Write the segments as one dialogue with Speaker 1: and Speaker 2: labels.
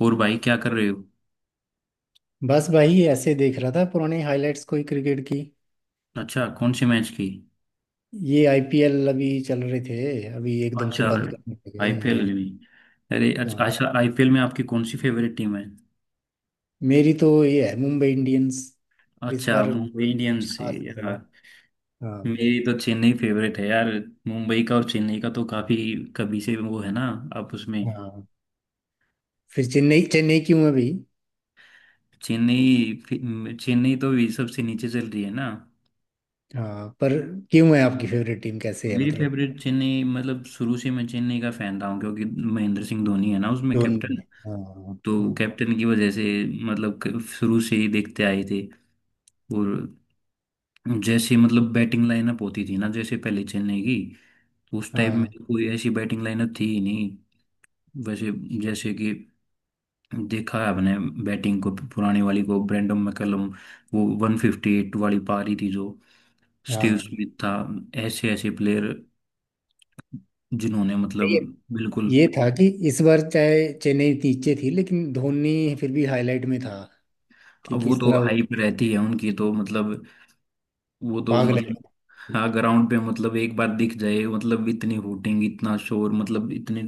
Speaker 1: और भाई क्या कर रहे हो?
Speaker 2: बस भाई ऐसे देख रहा था पुराने हाइलाइट्स कोई क्रिकेट की।
Speaker 1: अच्छा, कौन से मैच की?
Speaker 2: ये आईपीएल अभी चल रहे थे। अभी एकदम से
Speaker 1: अच्छा,
Speaker 2: बंद करने लगे।
Speaker 1: आईपीएल
Speaker 2: हाँ।
Speaker 1: में। अरे अच्छा
Speaker 2: हाँ,
Speaker 1: अच्छा, आईपीएल में आपकी कौन सी फेवरेट टीम है?
Speaker 2: मेरी तो ये है मुंबई इंडियंस। पर इस
Speaker 1: अच्छा,
Speaker 2: बार
Speaker 1: मुंबई
Speaker 2: कुछ
Speaker 1: इंडियंस है
Speaker 2: खास नहीं चला।
Speaker 1: यार।
Speaker 2: हाँ।
Speaker 1: मेरी तो चेन्नई फेवरेट है यार। मुंबई का और चेन्नई का तो काफी कभी से वो है ना, आप उसमें।
Speaker 2: हाँ, फिर चेन्नई चेन्नई क्यों है भाई?
Speaker 1: चेन्नई तो भी सबसे नीचे चल रही है ना।
Speaker 2: हाँ, पर क्यों है आपकी फेवरेट टीम, कैसे है
Speaker 1: मेरी
Speaker 2: मतलब?
Speaker 1: फेवरेट चेन्नई, मतलब शुरू से मैं चेन्नई का फैन रहा हूँ, क्योंकि महेंद्र सिंह धोनी है ना उसमें
Speaker 2: धोनी
Speaker 1: कैप्टन।
Speaker 2: है, हाँ
Speaker 1: तो
Speaker 2: हाँ।
Speaker 1: कैप्टन की वजह से मतलब शुरू से ही देखते आए थे। और जैसे मतलब बैटिंग लाइनअप होती थी ना जैसे पहले चेन्नई की, तो उस टाइम में
Speaker 2: हाँ।
Speaker 1: तो कोई ऐसी बैटिंग लाइनअप थी ही नहीं। वैसे जैसे कि देखा है अपने बैटिंग को, पुराने वाली को, ब्रेंडन मैकलम, वो 158 वाली पारी थी जो। स्टीव
Speaker 2: हाँ,
Speaker 1: स्मिथ था। ऐसे ऐसे प्लेयर जिन्होंने मतलब
Speaker 2: ये
Speaker 1: बिल्कुल।
Speaker 2: ये था कि इस बार चाहे चेन्नई नीचे थी लेकिन धोनी फिर भी हाईलाइट में था, कि
Speaker 1: अब वो
Speaker 2: किस
Speaker 1: तो
Speaker 2: तरह वो
Speaker 1: हाइप रहती है उनकी तो मतलब, वो तो
Speaker 2: पागल है।
Speaker 1: मतलब हाँ, ग्राउंड पे मतलब एक बार दिख जाए, मतलब इतनी हूटिंग, इतना शोर, मतलब इतने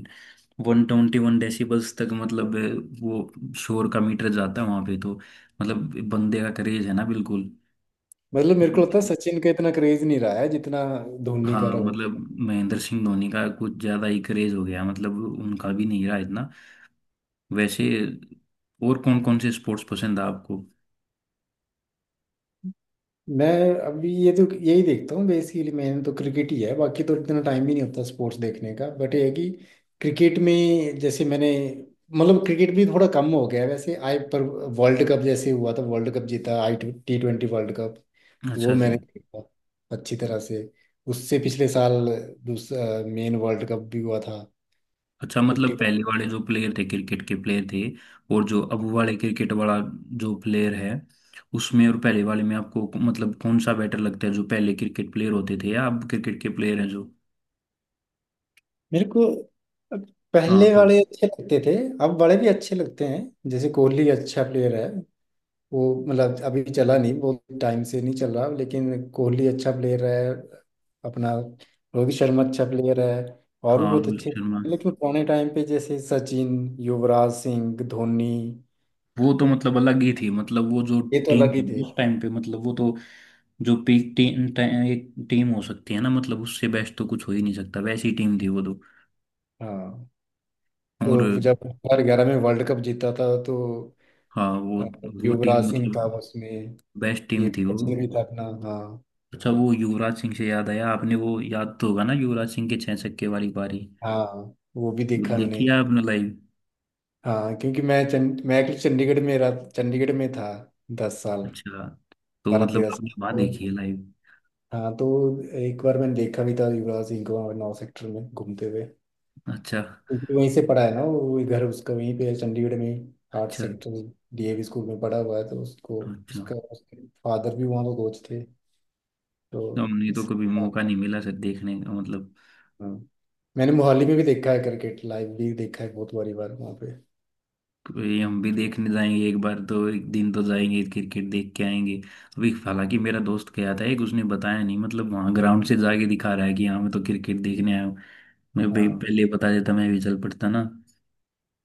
Speaker 1: 121 डेसिबल्स तक, मतलब वो शोर का मीटर जाता है वहां पे। तो मतलब बंदे का क्रेज है ना, बिल्कुल।
Speaker 2: मतलब मेरे को लगता है
Speaker 1: मतलब-
Speaker 2: सचिन का इतना क्रेज नहीं रहा है जितना धोनी
Speaker 1: हाँ
Speaker 2: का रहा
Speaker 1: मतलब
Speaker 2: होगा।
Speaker 1: महेंद्र सिंह धोनी का कुछ ज्यादा ही क्रेज हो गया, मतलब उनका भी नहीं रहा इतना। वैसे और कौन कौन से स्पोर्ट्स पसंद है आपको?
Speaker 2: मैं अभी ये तो यही देखता हूँ बेसिकली, मैंने तो क्रिकेट ही है, बाकी तो इतना टाइम ही नहीं होता स्पोर्ट्स देखने का, बट ये है कि क्रिकेट में, जैसे मैंने मतलब क्रिकेट भी थोड़ा कम हो गया है वैसे आई, पर वर्ल्ड कप जैसे हुआ था, वर्ल्ड कप जीता आई, T20 वर्ल्ड कप। तो वो
Speaker 1: अच्छा सर।
Speaker 2: मैंने देखा अच्छी तरह से। उससे पिछले साल दूसरा मेन वर्ल्ड कप भी हुआ था,
Speaker 1: अच्छा, मतलब
Speaker 2: फिफ्टी।
Speaker 1: पहले वाले जो प्लेयर थे क्रिकेट के प्लेयर थे, और जो अब वाले क्रिकेट वाला जो प्लेयर है, उसमें और पहले वाले में आपको मतलब कौन सा बेटर लगता है, जो पहले क्रिकेट प्लेयर होते थे या अब क्रिकेट के प्लेयर हैं जो?
Speaker 2: मेरे को
Speaker 1: हाँ
Speaker 2: पहले
Speaker 1: तो-।
Speaker 2: वाले अच्छे लगते थे। अब वाले भी अच्छे लगते हैं। जैसे कोहली अच्छा प्लेयर है, वो मतलब अभी चला नहीं, वो टाइम से नहीं चल रहा, लेकिन कोहली अच्छा प्लेयर है अपना। रोहित शर्मा अच्छा प्लेयर है। और भी
Speaker 1: हाँ
Speaker 2: बहुत
Speaker 1: रोहित
Speaker 2: अच्छे,
Speaker 1: शर्मा।
Speaker 2: लेकिन पुराने टाइम पे जैसे सचिन, युवराज सिंह, धोनी,
Speaker 1: वो तो मतलब अलग ही थी, मतलब वो जो
Speaker 2: ये तो
Speaker 1: टीम
Speaker 2: अलग ही
Speaker 1: थी
Speaker 2: थे।
Speaker 1: उस टाइम पे, मतलब वो तो जो पीक टीम, एक टीम हो सकती है ना मतलब, उससे बेस्ट तो कुछ हो ही नहीं सकता, वैसी टीम थी वो तो।
Speaker 2: हाँ,
Speaker 1: और
Speaker 2: तो जब 2011 में वर्ल्ड कप जीता था तो
Speaker 1: हाँ वो
Speaker 2: अ,
Speaker 1: वो टीम
Speaker 2: युवराज सिंह था
Speaker 1: मतलब
Speaker 2: उसमें।
Speaker 1: बेस्ट
Speaker 2: ये
Speaker 1: टीम थी वो।
Speaker 2: सचिन भी था अपना। हाँ।
Speaker 1: अच्छा, वो युवराज सिंह से याद आया आपने, वो याद तो होगा ना युवराज सिंह के छह छक्के वाली पारी?
Speaker 2: हाँ, वो भी
Speaker 1: वो
Speaker 2: देखा मैंने।
Speaker 1: देखी है आपने लाइव?
Speaker 2: हाँ, क्योंकि मैं एक्चुअली चंडीगढ़ में रहा, चंडीगढ़ में था 10 साल,
Speaker 1: अच्छा, तो
Speaker 2: बारह
Speaker 1: मतलब
Speaker 2: तेरह साल
Speaker 1: आपने वहां देखी
Speaker 2: तो।
Speaker 1: है लाइव?
Speaker 2: हाँ, तो एक बार मैंने देखा भी था युवराज सिंह को वहाँ नौ सेक्टर में घूमते हुए,
Speaker 1: अच्छा।
Speaker 2: क्योंकि वहीं से पढ़ा है ना, वो घर उसका वहीं पे है चंडीगढ़ में ही, आर्ट
Speaker 1: अच्छा।
Speaker 2: सेक्टर। डीएवी स्कूल में पढ़ा हुआ है तो उसको,
Speaker 1: अच्छा,
Speaker 2: उसका उसके फादर भी वहाँ का कोच थे तो
Speaker 1: तो हमने तो
Speaker 2: इस।
Speaker 1: कभी मौका नहीं मिला सर देखने का मतलब।
Speaker 2: हाँ, मैंने मोहाली में भी देखा है क्रिकेट, लाइव भी देखा है बहुत बारी बार वहाँ पे।
Speaker 1: ये हम भी देखने जाएंगे एक बार, तो एक दिन तो जाएंगे क्रिकेट देख के आएंगे। अभी हालांकि मेरा दोस्त गया था एक, उसने बताया नहीं, मतलब वहाँ ग्राउंड से जाके दिखा रहा है कि हाँ मैं तो क्रिकेट देखने आया हूँ। मैं भाई
Speaker 2: हाँ।
Speaker 1: पहले बता देता मैं भी चल पड़ता ना,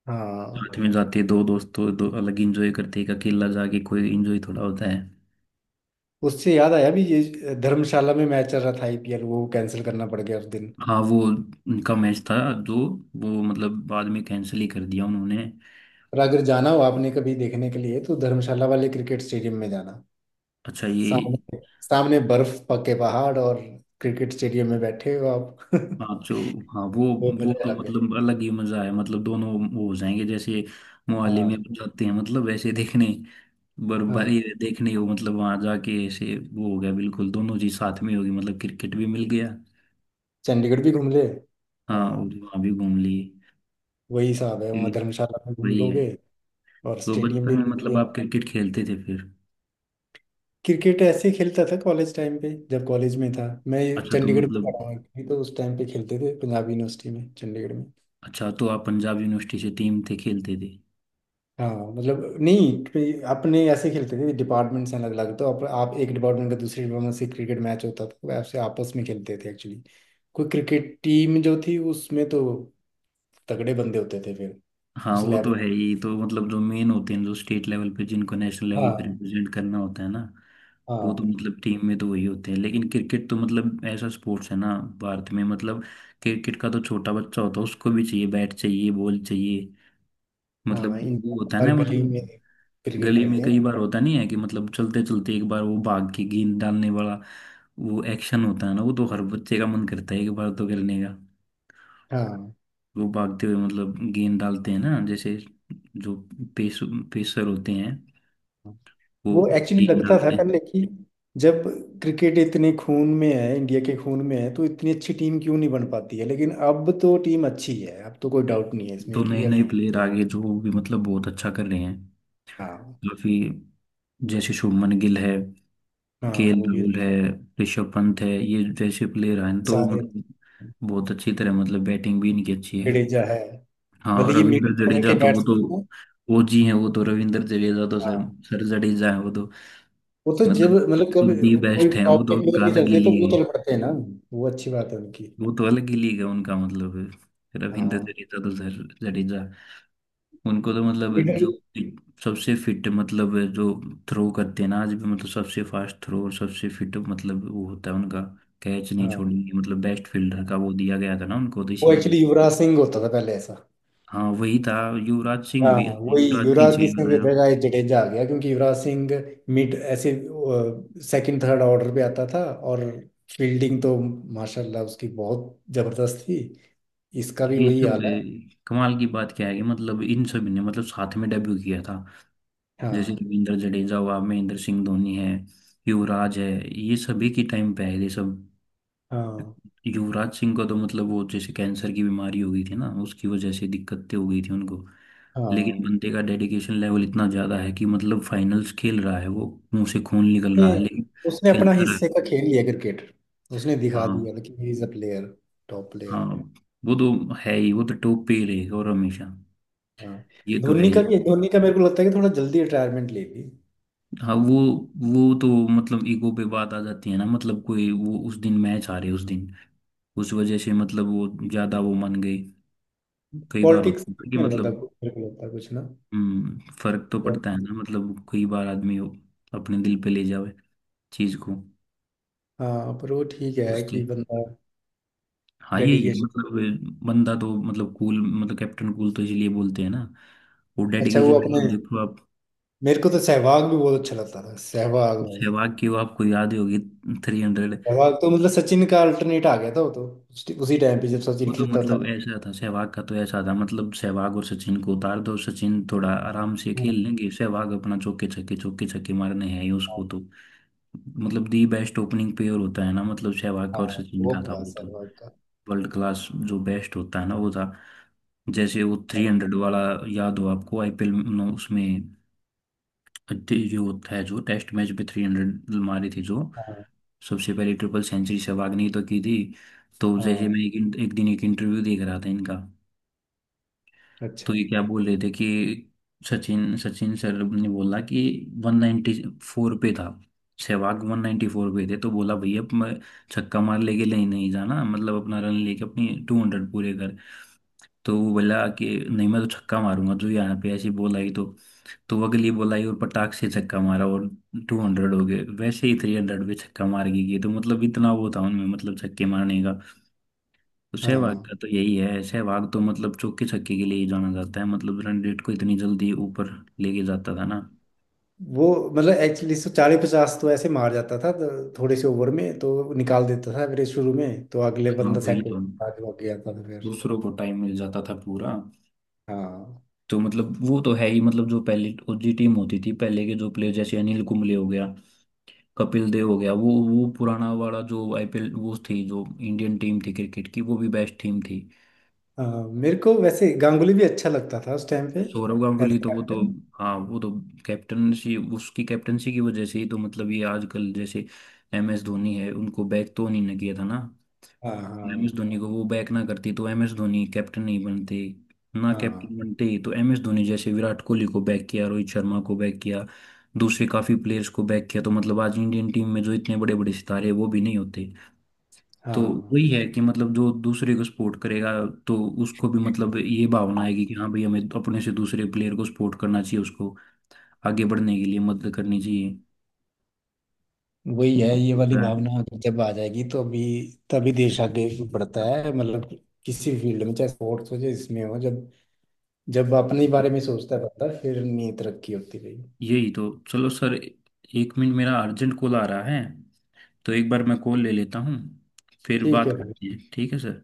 Speaker 2: हाँ,
Speaker 1: साथ में जाते। दो दोस्त तो दो अलग इंजॉय करते, एक अकेला जाके कोई इंजॉय थोड़ा होता है।
Speaker 2: उससे याद आया भी ये, धर्मशाला में मैच चल रहा था आईपीएल, वो कैंसिल करना पड़ गया उस दिन।
Speaker 1: हाँ वो उनका मैच था जो, वो मतलब बाद में कैंसिल ही कर दिया उन्होंने।
Speaker 2: पर अगर जाना हो आपने कभी देखने के लिए, तो धर्मशाला वाले क्रिकेट स्टेडियम में जाना।
Speaker 1: अच्छा। ये
Speaker 2: सामने सामने बर्फ पके पहाड़, और क्रिकेट स्टेडियम में बैठे हो आप
Speaker 1: हाँ जो। हाँ वो।
Speaker 2: वो
Speaker 1: वो
Speaker 2: मजा
Speaker 1: तो
Speaker 2: लग गए।
Speaker 1: मतलब अलग ही मजा है, मतलब दोनों वो हो जाएंगे। जैसे मोहाली में
Speaker 2: हाँ।
Speaker 1: जाते हैं मतलब ऐसे देखने,
Speaker 2: हाँ,
Speaker 1: बर्फबारी देखने हो मतलब वहां जाके ऐसे वो हो गया, बिल्कुल दोनों चीज साथ में होगी, मतलब क्रिकेट भी मिल गया।
Speaker 2: चंडीगढ़ भी घूम ले।
Speaker 1: हाँ और
Speaker 2: हाँ,
Speaker 1: वहां भी घूम लिए।
Speaker 2: वही हिसाब है,
Speaker 1: ये
Speaker 2: वहाँ धर्मशाला में घूम
Speaker 1: वही है।
Speaker 2: लोगे और
Speaker 1: तो
Speaker 2: स्टेडियम भी
Speaker 1: बचपन में
Speaker 2: देख
Speaker 1: मतलब
Speaker 2: लिए।
Speaker 1: आप क्रिकेट खेलते थे फिर?
Speaker 2: क्रिकेट ऐसे खेलता था कॉलेज टाइम पे, जब कॉलेज में था मैं।
Speaker 1: अच्छा तो
Speaker 2: चंडीगढ़ में
Speaker 1: मतलब।
Speaker 2: पढ़ा हूँ actually, तो उस टाइम पे खेलते थे पंजाब यूनिवर्सिटी में चंडीगढ़ में।
Speaker 1: अच्छा तो आप पंजाब यूनिवर्सिटी से टीम थे खेलते थे?
Speaker 2: हाँ मतलब नहीं पे- अपने ऐसे खेलते थे, डिपार्टमेंट्स हैं अलग अलग, तो आप एक डिपार्टमेंट का दूसरे डिपार्टमेंट से क्रिकेट मैच होता था, तो आपसे आपस में खेलते थे एक्चुअली। कोई क्रिकेट टीम जो थी उसमें तो तगड़े बंदे होते थे फिर।
Speaker 1: हाँ
Speaker 2: उस
Speaker 1: वो तो
Speaker 2: लेवल।
Speaker 1: है ही, तो मतलब जो मेन होते हैं जो स्टेट लेवल पे, जिनको नेशनल लेवल पे
Speaker 2: हाँ।
Speaker 1: रिप्रेजेंट करना होता है ना, वो तो
Speaker 2: हाँ।
Speaker 1: मतलब टीम में तो वही होते हैं, लेकिन क्रिकेट तो मतलब ऐसा स्पोर्ट्स है ना। भारत में मतलब क्रिकेट का तो छोटा बच्चा होता है उसको भी चाहिए, बैट चाहिए बॉल चाहिए,
Speaker 2: हाँ,
Speaker 1: मतलब
Speaker 2: इन
Speaker 1: वो होता है
Speaker 2: हर
Speaker 1: ना,
Speaker 2: गली में
Speaker 1: मतलब
Speaker 2: क्रिकेट
Speaker 1: गली में
Speaker 2: खेलते हैं।
Speaker 1: कई बार होता नहीं है कि मतलब चलते चलते एक बार वो भाग के गेंद डालने वाला, वो एक्शन होता है ना, वो तो हर बच्चे का मन करता है एक बार तो करने का।
Speaker 2: हाँ।
Speaker 1: वो भागते हुए मतलब गेंद डालते हैं ना, जैसे जो पेस पेसर होते हैं,
Speaker 2: हाँ।
Speaker 1: वो
Speaker 2: वो एक्चुअली
Speaker 1: गेंद
Speaker 2: लगता था
Speaker 1: डालते
Speaker 2: पहले कि जब क्रिकेट इतने खून में है, इंडिया के खून में है, तो इतनी अच्छी टीम क्यों नहीं बन पाती है, लेकिन अब तो टीम अच्छी है। अब तो कोई डाउट नहीं है
Speaker 1: हैं।
Speaker 2: इसमें
Speaker 1: तो
Speaker 2: कि
Speaker 1: नए
Speaker 2: अब।
Speaker 1: नए प्लेयर आगे जो भी मतलब बहुत अच्छा कर रहे हैं
Speaker 2: हाँ।
Speaker 1: काफी, जैसे शुभमन गिल है,
Speaker 2: हाँ,
Speaker 1: केएल
Speaker 2: वो भी
Speaker 1: राहुल
Speaker 2: अच्छे
Speaker 1: है, ऋषभ पंत है, ये जैसे प्लेयर हैं, तो
Speaker 2: सारे।
Speaker 1: मतलब बहुत अच्छी तरह मतलब बैटिंग भी इनकी अच्छी है।
Speaker 2: जडेजा है,
Speaker 1: हाँ,
Speaker 2: मतलब
Speaker 1: और
Speaker 2: ये मिड
Speaker 1: रविंद्र
Speaker 2: ऑर्डर
Speaker 1: जडेजा
Speaker 2: के
Speaker 1: तो वो तो,
Speaker 2: बैट्समैन हैं।
Speaker 1: वो जी हैं वो तो, रविंद्र जडेजा तो सर,
Speaker 2: हाँ,
Speaker 1: सर जडेजा है वो तो,
Speaker 2: वो तो जब मतलब कभी
Speaker 1: मतलब दी
Speaker 2: कोई
Speaker 1: बेस्ट है वो
Speaker 2: टॉप के
Speaker 1: तो,
Speaker 2: प्लेयर
Speaker 1: उनका
Speaker 2: नहीं
Speaker 1: अलग ही
Speaker 2: चलते तो वो
Speaker 1: लिए।
Speaker 2: चल पड़ते हैं ना। वो अच्छी बात है उनकी।
Speaker 1: वो तो अलग ही लीग है उनका, मतलब रविंद्र
Speaker 2: हाँ,
Speaker 1: जडेजा तो जडेजा, उनको तो मतलब जो
Speaker 2: मिडिल।
Speaker 1: सबसे फिट, मतलब जो थ्रो करते हैं ना आज भी, मतलब सबसे फास्ट थ्रो और सबसे फिट, मतलब वो होता है उनका। कैच नहीं
Speaker 2: हाँ,
Speaker 1: छोड़ेंगे, मतलब बेस्ट फील्डर का वो दिया गया था ना उनको तो,
Speaker 2: वो
Speaker 1: इसी वजह।
Speaker 2: एक्चुअली युवराज सिंह होता था पहले ऐसा।
Speaker 1: हाँ वही था, युवराज सिंह
Speaker 2: हाँ
Speaker 1: भी,
Speaker 2: वही,
Speaker 1: युवराज सिंह
Speaker 2: युवराज
Speaker 1: से
Speaker 2: की
Speaker 1: ही
Speaker 2: इसमें भी
Speaker 1: बनाया।
Speaker 2: जगह जडेजा आ गया, क्योंकि युवराज सिंह मिड ऐसे सेकंड थर्ड ऑर्डर पे आता था और फील्डिंग तो माशाल्लाह उसकी बहुत जबरदस्त थी। इसका भी
Speaker 1: ये
Speaker 2: वही
Speaker 1: सब
Speaker 2: हाल है।
Speaker 1: कमाल की बात क्या है कि मतलब इन सब ने मतलब साथ में डेब्यू किया था, जैसे
Speaker 2: हाँ।
Speaker 1: रविंद्र जडेजा हुआ, महेंद्र सिंह धोनी है, युवराज है, ये सभी की टाइम पे है ये सब।
Speaker 2: हाँ।
Speaker 1: युवराज सिंह को तो मतलब वो जैसे कैंसर की बीमारी हो गई थी ना, उसकी वजह से दिक्कतें हो गई थी उनको, लेकिन
Speaker 2: हाँ,
Speaker 1: बंदे का डेडिकेशन लेवल इतना ज्यादा है कि मतलब फाइनल्स खेल रहा है वो, मुंह से खून निकल रहा है
Speaker 2: नहीं,
Speaker 1: लेकिन
Speaker 2: उसने अपना
Speaker 1: खेलता रहा
Speaker 2: हिस्से
Speaker 1: है।
Speaker 2: का खेल लिया क्रिकेट। उसने दिखा
Speaker 1: हाँ।
Speaker 2: दिया कि he is a player, top
Speaker 1: हाँ
Speaker 2: प्लेयर।
Speaker 1: वो तो है ही, वो तो टॉप पे ही रहेगा और हमेशा,
Speaker 2: हाँ,
Speaker 1: ये तो है
Speaker 2: धोनी
Speaker 1: ही।
Speaker 2: का भी धोनी का मेरे को लगता है कि थोड़ा जल्दी रिटायरमेंट ले ली।
Speaker 1: हाँ वो तो मतलब ईगो पे बात आ जाती है ना, मतलब कोई वो उस दिन मैच हारे उस दिन, उस वजह से मतलब वो ज्यादा वो मान गई। कई बार होता
Speaker 2: पॉलिटिक्स
Speaker 1: है ना कि
Speaker 2: में
Speaker 1: मतलब
Speaker 2: मेरे को लगता कुछ ना।
Speaker 1: फर्क तो पड़ता है
Speaker 2: पॉलिटिक्स।
Speaker 1: ना, मतलब कई बार आदमी वो अपने दिल पे ले जावे चीज को,
Speaker 2: हाँ, पर वो ठीक है कि
Speaker 1: उससे।
Speaker 2: बंदा
Speaker 1: हाँ यही है,
Speaker 2: डेडिकेशन।
Speaker 1: मतलब बंदा तो मतलब कूल, मतलब कैप्टन कूल तो इसलिए बोलते हैं ना। वो
Speaker 2: अच्छा, वो
Speaker 1: डेडिकेशन लेवल
Speaker 2: अपने,
Speaker 1: देखो आप।
Speaker 2: मेरे को तो सहवाग भी बहुत अच्छा लगता था, सहवाग भाई।
Speaker 1: सहवाग की वो आपको याद ही होगी, 300।
Speaker 2: सहवाग तो मतलब सचिन का अल्टरनेट आ गया था वो तो, उसी टाइम पे जब
Speaker 1: वो
Speaker 2: सचिन
Speaker 1: तो
Speaker 2: खेलता था।
Speaker 1: मतलब ऐसा था सहवाग का तो, ऐसा था मतलब सहवाग और सचिन को उतार दो, सचिन थोड़ा आराम से खेल
Speaker 2: हाँ।
Speaker 1: लेंगे, सहवाग अपना चौके छक्के मारने हैं ही उसको तो। मतलब दी बेस्ट ओपनिंग पेयर होता है ना, मतलब सहवाग
Speaker 2: हाँ
Speaker 1: और
Speaker 2: हाँ,
Speaker 1: सचिन
Speaker 2: वो
Speaker 1: का था
Speaker 2: था
Speaker 1: वो तो,
Speaker 2: सहवाग का।
Speaker 1: वर्ल्ड क्लास जो बेस्ट होता है ना वो था। जैसे वो 300 वाला, याद हो आपको आईपीएल में उसमें, जो होता है जो टेस्ट मैच में 300 मारी थी जो,
Speaker 2: हाँ।
Speaker 1: सबसे पहले ट्रिपल सेंचुरी सहवाग ने ही तो की थी। तो जैसे
Speaker 2: हाँ,
Speaker 1: मैं एक दिन एक इंटरव्यू देख रहा था इनका, तो
Speaker 2: अच्छा।
Speaker 1: ये क्या बोल रहे थे कि सचिन सचिन सर ने बोला कि 194 पे था, सहवाग 194 पे थे, तो बोला भैया अब मैं छक्का मार लेके नहीं नहीं जाना, मतलब अपना रन लेके अपनी 200 पूरे कर। तो वो बोला कि नहीं मैं तो छक्का मारूंगा, जो यहाँ पे ऐसी बॉल आई तो वो अगली बॉल आई और पटाख से छक्का मारा और 200 हो गए। वैसे ही 300 पे छक्का मार के गए, तो मतलब इतना वो था उनमें, मतलब छक्के मारने। तो सहवाग
Speaker 2: हाँ,
Speaker 1: का तो यही है, सहवाग तो मतलब चौके छक्के के लिए ही जाना जाता है, मतलब रणजीत को इतनी जल्दी ऊपर लेके जाता था ना।
Speaker 2: वो मतलब एक्चुअली सौ चालीस पचास तो ऐसे मार जाता था, तो थोड़े से ओवर में तो निकाल देता था, फिर शुरू में तो अगले
Speaker 1: हाँ
Speaker 2: बंदा
Speaker 1: वही
Speaker 2: सेट हो
Speaker 1: तो,
Speaker 2: जाता था, जो आगे आता था फिर।
Speaker 1: दूसरों को टाइम मिल जाता था पूरा।
Speaker 2: हाँ।
Speaker 1: तो मतलब वो तो है ही, मतलब जो पहले ओजी टीम होती थी, पहले के जो प्लेयर जैसे अनिल कुंबले हो गया, कपिल देव हो गया, वो पुराना वाला जो आईपीएल, वो थी जो इंडियन टीम थी क्रिकेट की, वो भी बेस्ट टीम थी।
Speaker 2: हाँ, मेरे को वैसे गांगुली भी अच्छा लगता था उस टाइम पे।
Speaker 1: सौरव
Speaker 2: एज
Speaker 1: गांगुली तो वो तो,
Speaker 2: कैप्टन।
Speaker 1: हाँ वो तो, कैप्टनसी उसकी, कैप्टनसी की वजह से ही तो मतलब ये आजकल जैसे एम एस धोनी है उनको बैक तो नहीं ना किया था ना।
Speaker 2: हाँ
Speaker 1: एम एस
Speaker 2: हाँ।
Speaker 1: धोनी को वो बैक ना करती तो एम एस धोनी कैप्टन नहीं बनते, ना
Speaker 2: हाँ।
Speaker 1: कैप्टन बनते ही तो, एम एस धोनी जैसे विराट कोहली को बैक किया, रोहित शर्मा को बैक किया, दूसरे काफी प्लेयर्स को बैक किया, तो मतलब आज इंडियन टीम में जो इतने बड़े बड़े सितारे हैं वो भी नहीं होते। तो
Speaker 2: हाँ,
Speaker 1: वही है कि मतलब जो दूसरे को सपोर्ट करेगा, तो उसको भी मतलब ये भावना आएगी कि हाँ भाई हमें अपने से दूसरे प्लेयर को सपोर्ट करना चाहिए, उसको आगे बढ़ने के लिए मदद करनी चाहिए,
Speaker 2: वही है ये वाली
Speaker 1: होता है।
Speaker 2: भावना, जब आ जाएगी, तो अभी तभी देश आगे बढ़ता है मतलब, किसी फील्ड में चाहे स्पोर्ट्स हो चाहे इसमें हो, जब जब अपने ही
Speaker 1: तो
Speaker 2: बारे में सोचता रहता है फिर नहीं तरक्की होती रही।
Speaker 1: यही तो, चलो सर एक मिनट मेरा अर्जेंट कॉल आ रहा है, तो एक बार मैं कॉल ले लेता हूँ, फिर
Speaker 2: ठीक
Speaker 1: बात
Speaker 2: है।
Speaker 1: करते हैं, ठीक है सर।